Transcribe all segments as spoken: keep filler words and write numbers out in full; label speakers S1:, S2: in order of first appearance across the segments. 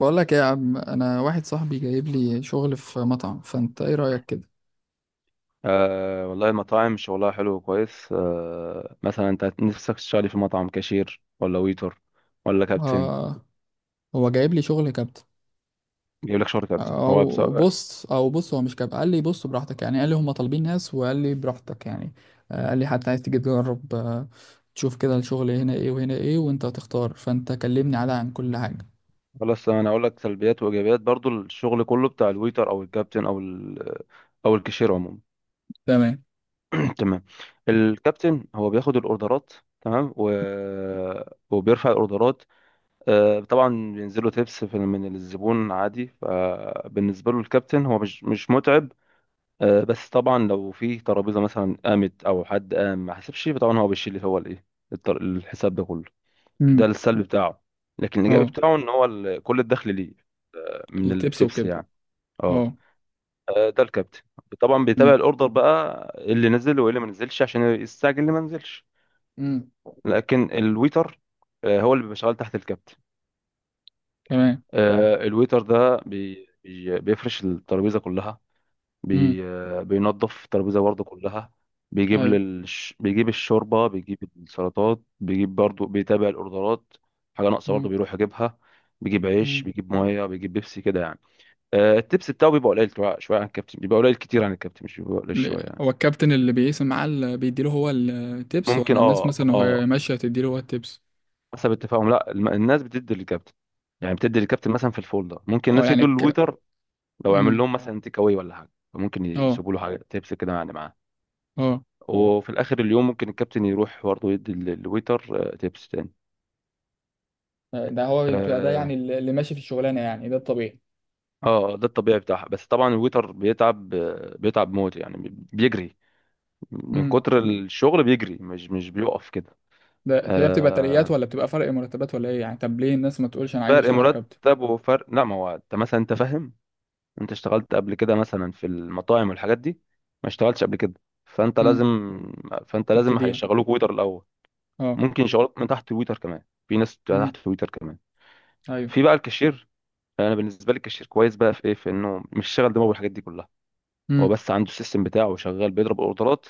S1: بقول لك ايه يا عم؟ انا واحد صاحبي جايب لي شغل في مطعم، فانت ايه رأيك كده؟
S2: أه والله المطاعم شغلها حلو وكويس، أه مثلا انت نفسك تشتغلي في مطعم كاشير ولا ويتر ولا كابتن؟
S1: آه. هو جايب لي شغل كابتن.
S2: بيجيب لك شغل كابتن هو بس؟
S1: او بص او بص، هو مش كابتن. قال لي بص براحتك يعني، قال لي هم طالبين ناس، وقال لي براحتك يعني. آه، قال لي حتى عايز تيجي تجرب. آه، تشوف كده الشغل هنا ايه وهنا ايه وانت هتختار، فانت كلمني على عن كل حاجة.
S2: خلاص انا اقول لك سلبيات وايجابيات، برضو الشغل كله بتاع الويتر او الكابتن او ال او الكاشير عموما.
S1: تمام.
S2: تمام. الكابتن هو بياخد الاوردرات، تمام، و... وبيرفع الاوردرات، أه طبعا. بينزلوا تيبس في من الزبون عادي، فبالنسبه له الكابتن هو مش مش متعب. آه، بس طبعا لو في ترابيزه مثلا قامت او حد قام ما حسبش، طبعا هو بيشيل هو الايه، التر- الحساب ده كله.
S1: امم.
S2: ده السلبي بتاعه، لكن الايجابي
S1: اه،
S2: بتاعه ان هو ال- كل الدخل ليه من
S1: التبس
S2: التبس
S1: وكده.
S2: يعني. اه.
S1: اه.
S2: آه، ده الكابتن. طبعا بيتابع
S1: امم.
S2: الاوردر بقى اللي نزل وايه اللي ما نزلش عشان يستعجل اللي ما نزلش.
S1: امم.
S2: لكن الويتر، آه، هو اللي بيبقى شغال تحت الكابتن.
S1: تمام.
S2: آه، الويتر ده بي بي- بيفرش الترابيزه كلها،
S1: امم.
S2: بي بينظف الترابيزة برضه كلها، بيجيب
S1: ايوه.
S2: للش... بيجيب الشوربة، بيجيب السلطات، بيجيب برضه، بيتابع الأوردرات، حاجة ناقصة برضه بيروح يجيبها، بيجيب عيش،
S1: امم.
S2: بيجيب مية، بيجيب بيبسي كده يعني. آه، التبس بتاعه بيبقى قليل شوية، شوية عن الكابتن، بيبقى قليل كتير عن الكابتن، مش بيبقى قليل شوية
S1: ل-
S2: يعني.
S1: هو الكابتن اللي بيقسم معاه اللي بيديله هو التيبس،
S2: ممكن،
S1: ولا الناس
S2: اه،
S1: مثلا وهي
S2: اه.
S1: ماشية تديله هو التيبس؟
S2: حسب اتفاقهم، لا، الم- الناس بتدي للكابتن، يعني بتدي للكابتن مثلا في الفولدر. ممكن
S1: اه،
S2: الناس
S1: يعني
S2: يدوا
S1: ك...
S2: للويتر لو عمل
S1: امم.
S2: لهم مثلا تيك اواي ولا حاجة، ممكن
S1: اه.
S2: يسيبوا له حاجة تبس كده يعني معاه.
S1: اه.
S2: وفي الاخر اليوم ممكن الكابتن يروح برضه يدي ال- الويتر، آه، تيبس تاني.
S1: ده هو بيبقى، ده
S2: اه.
S1: يعني اللي ماشي في الشغلانه، يعني ده الطبيعي.
S2: آه، ده الطبيعي بتاعها. بس طبعا الويتر بيتعب، آه، بيتعب موت يعني، بي- بيجري من
S1: امم.
S2: كتر الشغل، بيجري، مش مش بيقف كده.
S1: ده هي بتبقى ترقيات
S2: آه.
S1: ولا بتبقى فرق مرتبات ولا ايه يعني؟ طب ليه الناس ما تقولش انا عايز
S2: فرق
S1: اشتغل كابتن؟
S2: مرتب، وفرق، لا، ما هو انت مثلا، انت فاهم، انت اشتغلت قبل كده مثلا في المطاعم والحاجات دي؟ ما اشتغلتش قبل كده، فانت
S1: امم.
S2: لازم، فانت لازم
S1: تبتديها.
S2: هيشغلوك ويتر الاول.
S1: اه.
S2: ممكن يشغلوك من تحت الويتر كمان، في ناس تحت
S1: امم.
S2: الويتر كمان.
S1: ايوه.
S2: في بقى الكاشير. فانا بالنسبه لي الكاشير كويس بقى في ايه؟ في انه مش شغل دماغه بالحاجات دي كلها، هو
S1: امم.
S2: بس عنده السيستم بتاعه شغال، بيضرب اوردرات.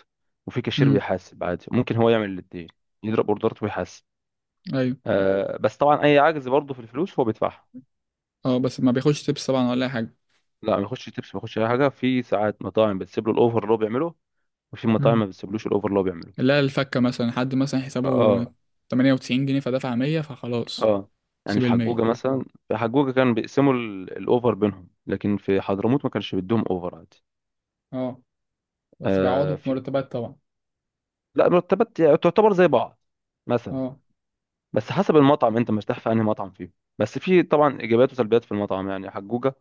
S2: وفي كاشير
S1: امم.
S2: بيحاسب عادي، ممكن هو يعمل الاثنين، يضرب اوردرات ويحاسب.
S1: ايوه.
S2: آه بس طبعا اي عجز برضه في الفلوس هو بيدفعها.
S1: اه بس ما بياخدش تيبس طبعا، ولا اي حاجه.
S2: لا، ما يخش تبس، ما يخش اي حاجه. في ساعات مطاعم بتسيب له الاوفر اللي هو بيعمله، وفي مطاعم
S1: امم.
S2: ما بتسيبلوش الاوفر اللي هو بيعمله.
S1: لا، الفكه مثلا، حد مثلا حسابه
S2: اه.
S1: ثمانية وتسعين جنيه فدفع مية فخلاص.
S2: اه. يعني
S1: سيب
S2: في
S1: ال
S2: حجوجه،
S1: مية.
S2: مثلا في حجوجه كان بيقسموا ال- الاوفر بينهم، لكن في حضرموت ما كانش بيدوهم اوفر عادي.
S1: اه. بس بيعوضوا
S2: آه،
S1: في
S2: في.
S1: مرتبات طبعا.
S2: لا، مرتبات يعني تعتبر زي بعض مثلا.
S1: اه.
S2: بس حسب المطعم، انت مرتاح في انهي مطعم فيه. بس في طبعا ايجابيات وسلبيات في المطعم يعني، حجوجة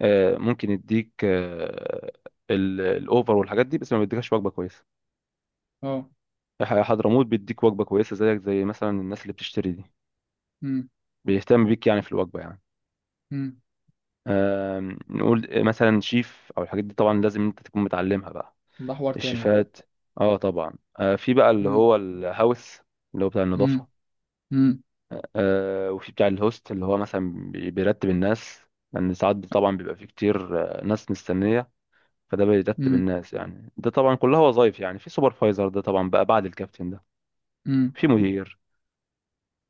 S2: آه، ممكن يديك، آه، ال- الاوفر والحاجات دي، بس ما بيديكش وجبة كويسة.
S1: اه.
S2: ح- حضرموت بيديك وجبة كويسة، زيك زي مثلا الناس اللي بتشتري دي،
S1: امم.
S2: بيهتم بيك يعني في الوجبة يعني.
S1: امم.
S2: آم، نقول آه، مثلا شيف او الحاجات دي، طبعا لازم انت تكون متعلمها بقى،
S1: ده حوار تاني بقى.
S2: الشيفات. اه طبعا. آه، في بقى اللي
S1: امم.
S2: هو الهاوس، اللي هو بتاع النظافة.
S1: امم. امم.
S2: آه، وفي بتاع الهوست، اللي هو مثلا بي- بيرتب الناس، لان ساعات طبعا بيبقى في كتير آه، ناس مستنيه، فده بيرتب
S1: امم.
S2: الناس يعني. ده طبعا كلها وظايف يعني. في سوبرفايزر، ده طبعا بقى بعد الكابتن ده.
S1: امم.
S2: في مدير.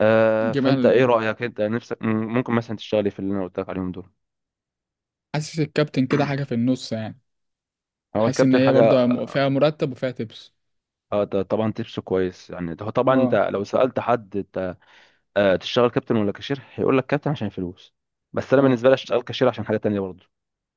S2: آه فانت
S1: جمال.
S2: ايه رايك انت نفسك، م- ممكن مثلا تشتغلي في اللي انا قلت لك عليهم دول؟
S1: حاسس الكابتن كده حاجة في النص يعني.
S2: هو
S1: حاسس ان
S2: الكابتن
S1: هي
S2: حاجه،
S1: برضو م- فيها مرتب وفيها تبس.
S2: آه، ده طبعا تبسه كويس يعني. ده هو طبعا انت
S1: اه.
S2: لو سالت حد، انت آه، تشتغل كابتن ولا كاشير، هيقول لك كابتن عشان الفلوس. بس انا
S1: اه.
S2: بالنسبه لي اشتغل كاشير عشان حاجه تانية برضه.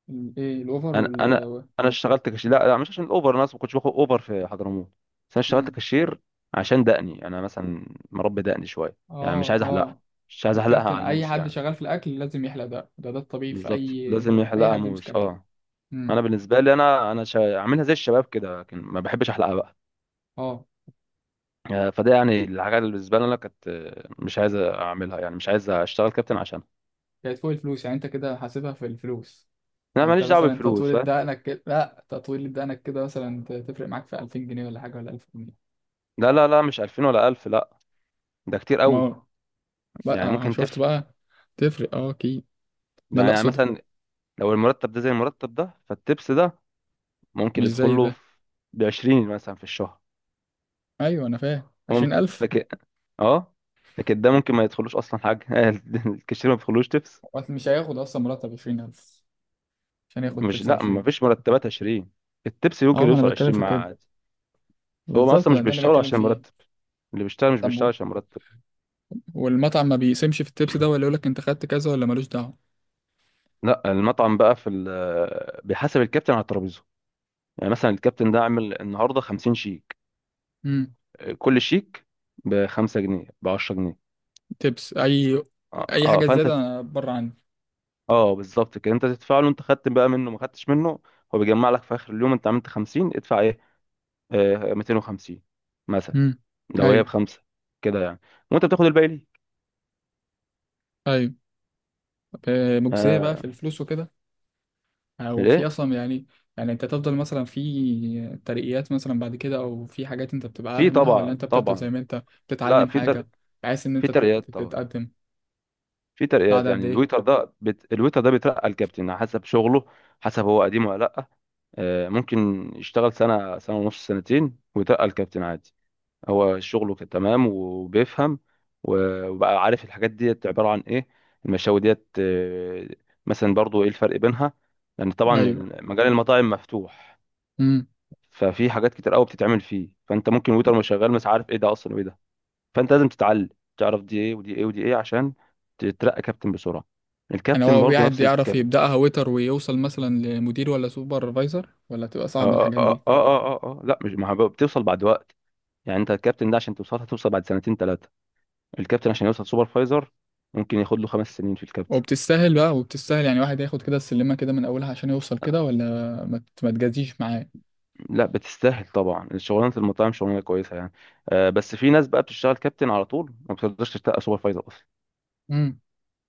S1: ال- ايه الاوفر
S2: انا
S1: وال...
S2: انا انا اشتغلت كاشير، لا لا، مش عشان الاوبر، انا اصلا ما كنتش باخد اوبر في حضرموت، بس انا اشتغلت
S1: امم.
S2: كاشير عشان دقني يعني. انا مثلا مربي دقني شويه يعني، مش
S1: اه.
S2: عايز احلقها،
S1: اه.
S2: مش عايز احلقها
S1: الكابتن
S2: على
S1: اي
S2: الموس
S1: حد
S2: يعني.
S1: شغال في الاكل لازم يحلق. ده ده ده الطبيعي في
S2: بالظبط،
S1: اي
S2: لازم
S1: شغل، اي
S2: يحلقها
S1: حد يمسك
S2: موس،
S1: اكل.
S2: اه.
S1: امم.
S2: انا بالنسبه لي انا، انا شا... عاملها زي الشباب كده، لكن ما بحبش احلقها بقى.
S1: اه.
S2: آه، فده يعني الحاجه اللي بالنسبه لي انا كانت، آه، مش عايز اعملها يعني، مش عايز اشتغل كابتن عشان،
S1: كانت فوق الفلوس يعني، انت كده حاسبها في الفلوس.
S2: انا
S1: يعني انت
S2: ماليش دعوه
S1: مثلا
S2: بالفلوس
S1: تطويل
S2: فاهم.
S1: دقنك كده، لا، تطويل دقنك كده مثلا ت- تفرق معاك في الفين جنيه ولا حاجه، ولا الف جنيه؟
S2: لا لا لا، مش ألفين ولا ألف، لا، ده كتير
S1: ما
S2: قوي.
S1: هو بقى.
S2: يعني
S1: آه،
S2: ممكن
S1: شفت
S2: تف
S1: بقى. تفرق، اه اكيد. ده لا
S2: يعني
S1: صدف.
S2: مثلا، لو المرتب ده زي المرتب ده، فالتبس ده
S1: مش
S2: ممكن
S1: زي
S2: يدخله
S1: ده.
S2: في بعشرين مثلا في الشهر،
S1: ايوه انا فاهم، عشرين
S2: ممكن.
S1: الف
S2: لكن، اه، لكن ده ممكن ما يدخلوش اصلا حاجه. الكاشير ما بيدخلوش تبس.
S1: وقت مش هياخد اصلا مرتب عشرين الف عشان ياخد
S2: مش
S1: تبس
S2: لا، ما
S1: عشرين؟
S2: فيش مرتبات عشرين، التبس ممكن
S1: اه، ما انا
S2: يوصل
S1: بتكلم
S2: عشرين،
S1: في كده،
S2: مع، هو
S1: بالظبط
S2: اصلا
S1: ده
S2: مش
S1: اللي
S2: بيشتغل
S1: بتكلم
S2: عشان المرتب،
S1: فيه.
S2: اللي بيشتغل مش
S1: طب
S2: بيشتغل
S1: و-
S2: عشان مرتب.
S1: والمطعم ما بيقسمش في التبس ده، ولا يقول لك انت خدت كذا، ولا ملوش دعوه؟
S2: لا، المطعم بقى في ال- بيحاسب الكابتن على الترابيزه، يعني مثلا الكابتن ده عامل النهارده 50 شيك،
S1: امم.
S2: كل شيك ب خمسة جنيه، ب عشر جنيه.
S1: تبس اي.
S2: اه،
S1: اي
S2: آه،
S1: حاجه
S2: فانت،
S1: زياده، بره عني.
S2: اه، بالظبط كده، انت تدفع له، انت خدت بقى منه ما خدتش منه، هو بيجمع لك في اخر اليوم انت عملت خمسين، ادفع ايه، آه متين وخمسين مثلا،
S1: امم.
S2: لو هي
S1: ايوه.
S2: بخمسه كده يعني، وانت بتاخد الباقي ليه.
S1: ايوه. طب، آه، مجزيه بقى
S2: آه.
S1: في الفلوس وكده، او في
S2: ليه؟
S1: اصلا يعني؟ يعني انت تفضل مثلا في ترقيات مثلا بعد كده، او في حاجات انت بتبقى
S2: في
S1: اعلى منها، ولا
S2: طبعا،
S1: انت بتفضل زي
S2: طبعا،
S1: ما انت
S2: لا،
S1: بتتعلم
S2: في تر...
S1: حاجه، بحيث ان
S2: في
S1: انت تت-
S2: ترقيات طبعا،
S1: تتقدم؟
S2: في
S1: بعد
S2: ترقيات
S1: قد
S2: يعني.
S1: ايه؟
S2: الويتر ده بت... الويتر ده بيترقى الكابتن على حسب شغله، حسب هو قديم ولا لا. آه ممكن يشتغل سنه، سنه ونص، سنتين، ويترقى الكابتن عادي. هو شغله كان تمام وبيفهم، و- وبقى عارف الحاجات ديت عبارة عن ايه، المشاوي ديت، آه، مثلا برضو ايه الفرق بينها، لان طبعا
S1: ايوه.
S2: ال- مجال المطاعم مفتوح،
S1: امم.
S2: ففي حاجات كتير قوي بتتعمل فيه. فانت ممكن ويتر مش شغال، مش عارف ايه ده اصلا وايه ده، فانت لازم تتعلم، تعرف دي ايه ودي ايه ودي ايه عشان تترقى كابتن بسرعة.
S1: يعني
S2: الكابتن
S1: هو
S2: برضو
S1: قاعد
S2: نفس
S1: بيعرف
S2: الكلام.
S1: يبداها ويتر ويوصل مثلا لمدير، ولا سوبرفايزر، ولا تبقى صعبه
S2: اه، اه،
S1: الحاجات
S2: اه،
S1: دي؟
S2: اه، اه، آه. آه، لا مش، ما هو بتوصل بعد وقت، يعني انت الكابتن ده عشان توصل، هتوصل بعد سنتين ثلاثة، الكابتن عشان يوصل سوبرفايزر ممكن ياخد له خمس سنين في الكابتن.
S1: وبتستاهل بقى، وبتستاهل يعني؟ واحد ياخد كده السلمه كده من اولها عشان يوصل كده، ولا ما ت- ما تجازيش معاه؟
S2: لا بتستاهل طبعا، شغلانه المطاعم شغلانه كويسه يعني. آه، بس في ناس بقى بتشتغل كابتن على طول، ما بتقدرش تشتغل سوبرفايزر اصلا،
S1: امم.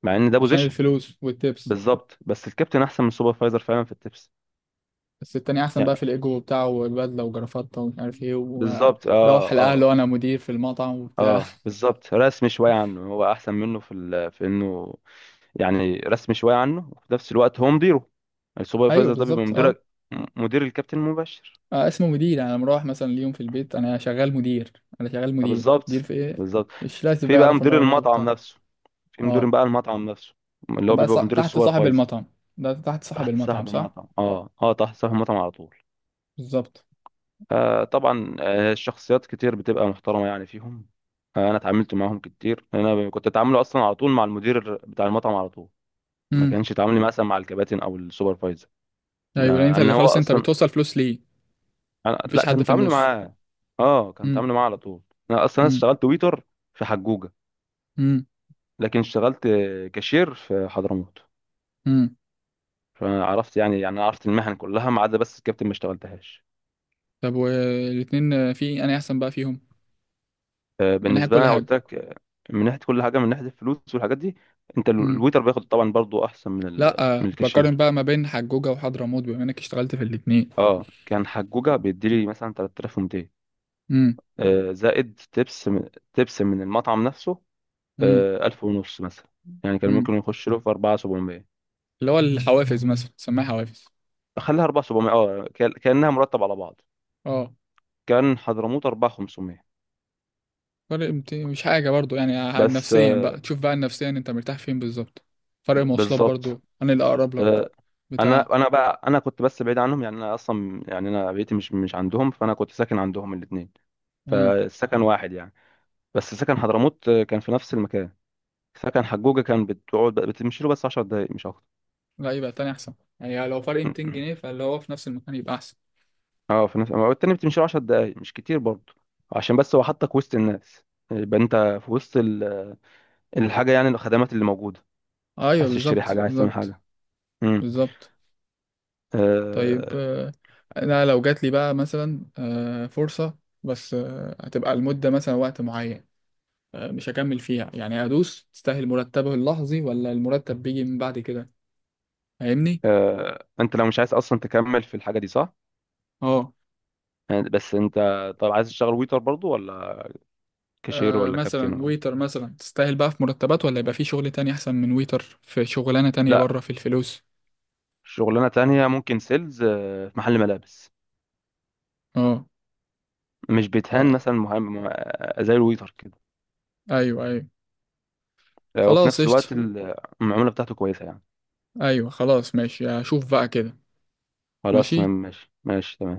S2: مع ان ده
S1: عشان
S2: بوزيشن.
S1: الفلوس والتبس.
S2: بالظبط، بس الكابتن احسن من السوبرفايزر فعلا في التبس.
S1: بس التاني احسن
S2: يعني،
S1: بقى في الايجو بتاعه والبدله وجرافطه ومش عارف ايه،
S2: بالظبط،
S1: وروح
S2: اه،
S1: الاهل،
S2: اه.
S1: وانا مدير في المطعم وبتاع.
S2: اه بالظبط، رسمي شويه عنه، هو احسن منه في ال... في انه يعني رسمي شويه عنه، وفي نفس الوقت هو مديره،
S1: ايوه
S2: السوبرفايزر ده بيبقى
S1: بالظبط اه.
S2: مدير، مدير الكابتن المباشر.
S1: آه، اسمه مدير، انا مروح مثلا اليوم في البيت، انا شغال مدير. انا شغال
S2: آه،
S1: مدير، مدير
S2: بالظبط
S1: في ايه؟
S2: بالظبط.
S1: مش لازم بقى
S2: في بقى
S1: يعرف ان
S2: مدير
S1: هو مطعم
S2: المطعم
S1: بتاع.
S2: نفسه. في مدير
S1: اه.
S2: بقى المطعم نفسه، اللي
S1: طب
S2: هو
S1: بقى
S2: بيبقى
S1: صا-
S2: مدير
S1: تحت صاحب
S2: السوبرفايزر.
S1: المطعم، ده تحت صاحب
S2: تحت
S1: المطعم
S2: صاحب
S1: صح؟
S2: المطعم، اه اه، تحت صاحب المطعم على طول.
S1: بالظبط.
S2: آه طبعا، آه الشخصيات كتير بتبقى محترمة يعني فيهم. آه انا اتعاملت معاهم كتير، انا كنت اتعامله اصلا على طول مع المدير بتاع المطعم على طول، ما
S1: امم.
S2: كانش تعاملي مثلا مع الكباتن او السوبرفايزر.
S1: ايوه، لان
S2: آه،
S1: انت
S2: ان
S1: اللي
S2: هو
S1: خلاص انت
S2: اصلا،
S1: بتوصل فلوس ليه.
S2: أنا...
S1: مفيش
S2: لا
S1: حد
S2: كان
S1: في
S2: تعاملي
S1: النص.
S2: معاه، اه كان
S1: امم.
S2: تعاملي معاه على طول. انا اصلا
S1: امم.
S2: اشتغلت ويتر في حجوجة،
S1: امم.
S2: لكن اشتغلت كاشير في حضرموت،
S1: امم.
S2: فعرفت يعني، يعني عرفت المهن كلها ما عدا بس الكابتن ما اشتغلتهاش.
S1: طب والاتنين آه، في انا احسن بقى فيهم
S2: آه،
S1: من ناحيه
S2: بالنسبه لي
S1: كل
S2: انا
S1: حاجه؟
S2: قلت لك، آه، من ناحيه كل حاجه، من ناحيه الفلوس والحاجات دي، انت ال- الويتر بياخد طبعا برضو احسن من ال-
S1: لا،
S2: من
S1: بقارن
S2: الكاشير.
S1: بقى ما بين حجوجة وحضرموت بما انك اشتغلت في الاتنين.
S2: اه، كان حجوجه بيديلي مثلا ثلاثة آلاف ومئتين،
S1: امم.
S2: آه، زائد تبس، من تبس من المطعم نفسه،
S1: امم.
S2: آه، ألف ونص مثلا، يعني كان
S1: امم.
S2: ممكن يخش له في أربعة آلاف وسبعمية،
S1: اللي هو الحوافز مثلا، سماها حوافز.
S2: خليها اربعتلاف وسبعميه، اه، كان- كانها مرتب على بعض.
S1: اه.
S2: كان حضرموت اربعتلاف وخمسميه،
S1: فرق مت- مش حاجة برضو يعني، ع-
S2: بس،
S1: نفسيا
S2: آه،
S1: بقى تشوف، بقى نفسيا انت مرتاح فين بالظبط. فرق
S2: ب-
S1: مواصلات
S2: بالظبط.
S1: برضو انا اللي اقرب لك
S2: انا
S1: بتاع.
S2: انا بقى انا كنت بس بعيد عنهم، يعني انا اصلا، يعني انا بيتي مش مش عندهم، فانا كنت ساكن عندهم الاثنين،
S1: امم.
S2: فالسكن واحد يعني. بس سكن حضرموت، آه، كان في نفس المكان. سكن حجوجة كان بتقعد بتمشي له بس 10 دقايق مش اكتر.
S1: لا يبقى تاني احسن. يعني لو فرق ميتين جنيه، فاللي هو في نفس المكان يبقى احسن.
S2: اه، في نفس التاني بتمشي له 10 دقايق مش كتير برضه، عشان بس هو حطك وسط الناس، يبقى انت في وسط ال- الحاجه يعني، الخدمات اللي موجوده،
S1: ايوه
S2: عايز تشتري
S1: بالظبط،
S2: حاجه، عايز تعمل
S1: بالظبط.
S2: حاجه. امم
S1: بالظبط. طيب
S2: آه.
S1: آه، انا لو جات لي بقى مثلا آه، فرصة، بس آه، هتبقى المدة مثلا وقت معين، آه، مش هكمل فيها يعني، ادوس تستاهل مرتبه اللحظي، ولا المرتب بيجي من بعد كده؟ فاهمني؟
S2: آه. انت لو مش عايز اصلا تكمل في الحاجه دي صح؟
S1: اه.
S2: يعني بس انت، طب عايز تشتغل ويتر برضه ولا كاشير
S1: آه،
S2: ولا كابتن
S1: مثلا
S2: ولا؟
S1: ويتر مثلا تستاهل بقى في مرتبات، ولا يبقى في شغل تاني احسن من ويتر في شغلانة تانية
S2: لا،
S1: بره في الفلوس؟
S2: شغلانة تانية ممكن سيلز، آه، في محل ملابس،
S1: اه.
S2: مش بيتهان
S1: آه،
S2: مثلا، مهم، آه، زي الويتر كده،
S1: ايوه ايوه.
S2: آه، وفي
S1: خلاص
S2: نفس الوقت
S1: قشطة.
S2: ال- المعاملة بتاعته كويسة يعني.
S1: ايوه خلاص ماشي، هشوف بقى كده.
S2: خلاص تمام،
S1: ماشي.
S2: ماشي ماشي تمام.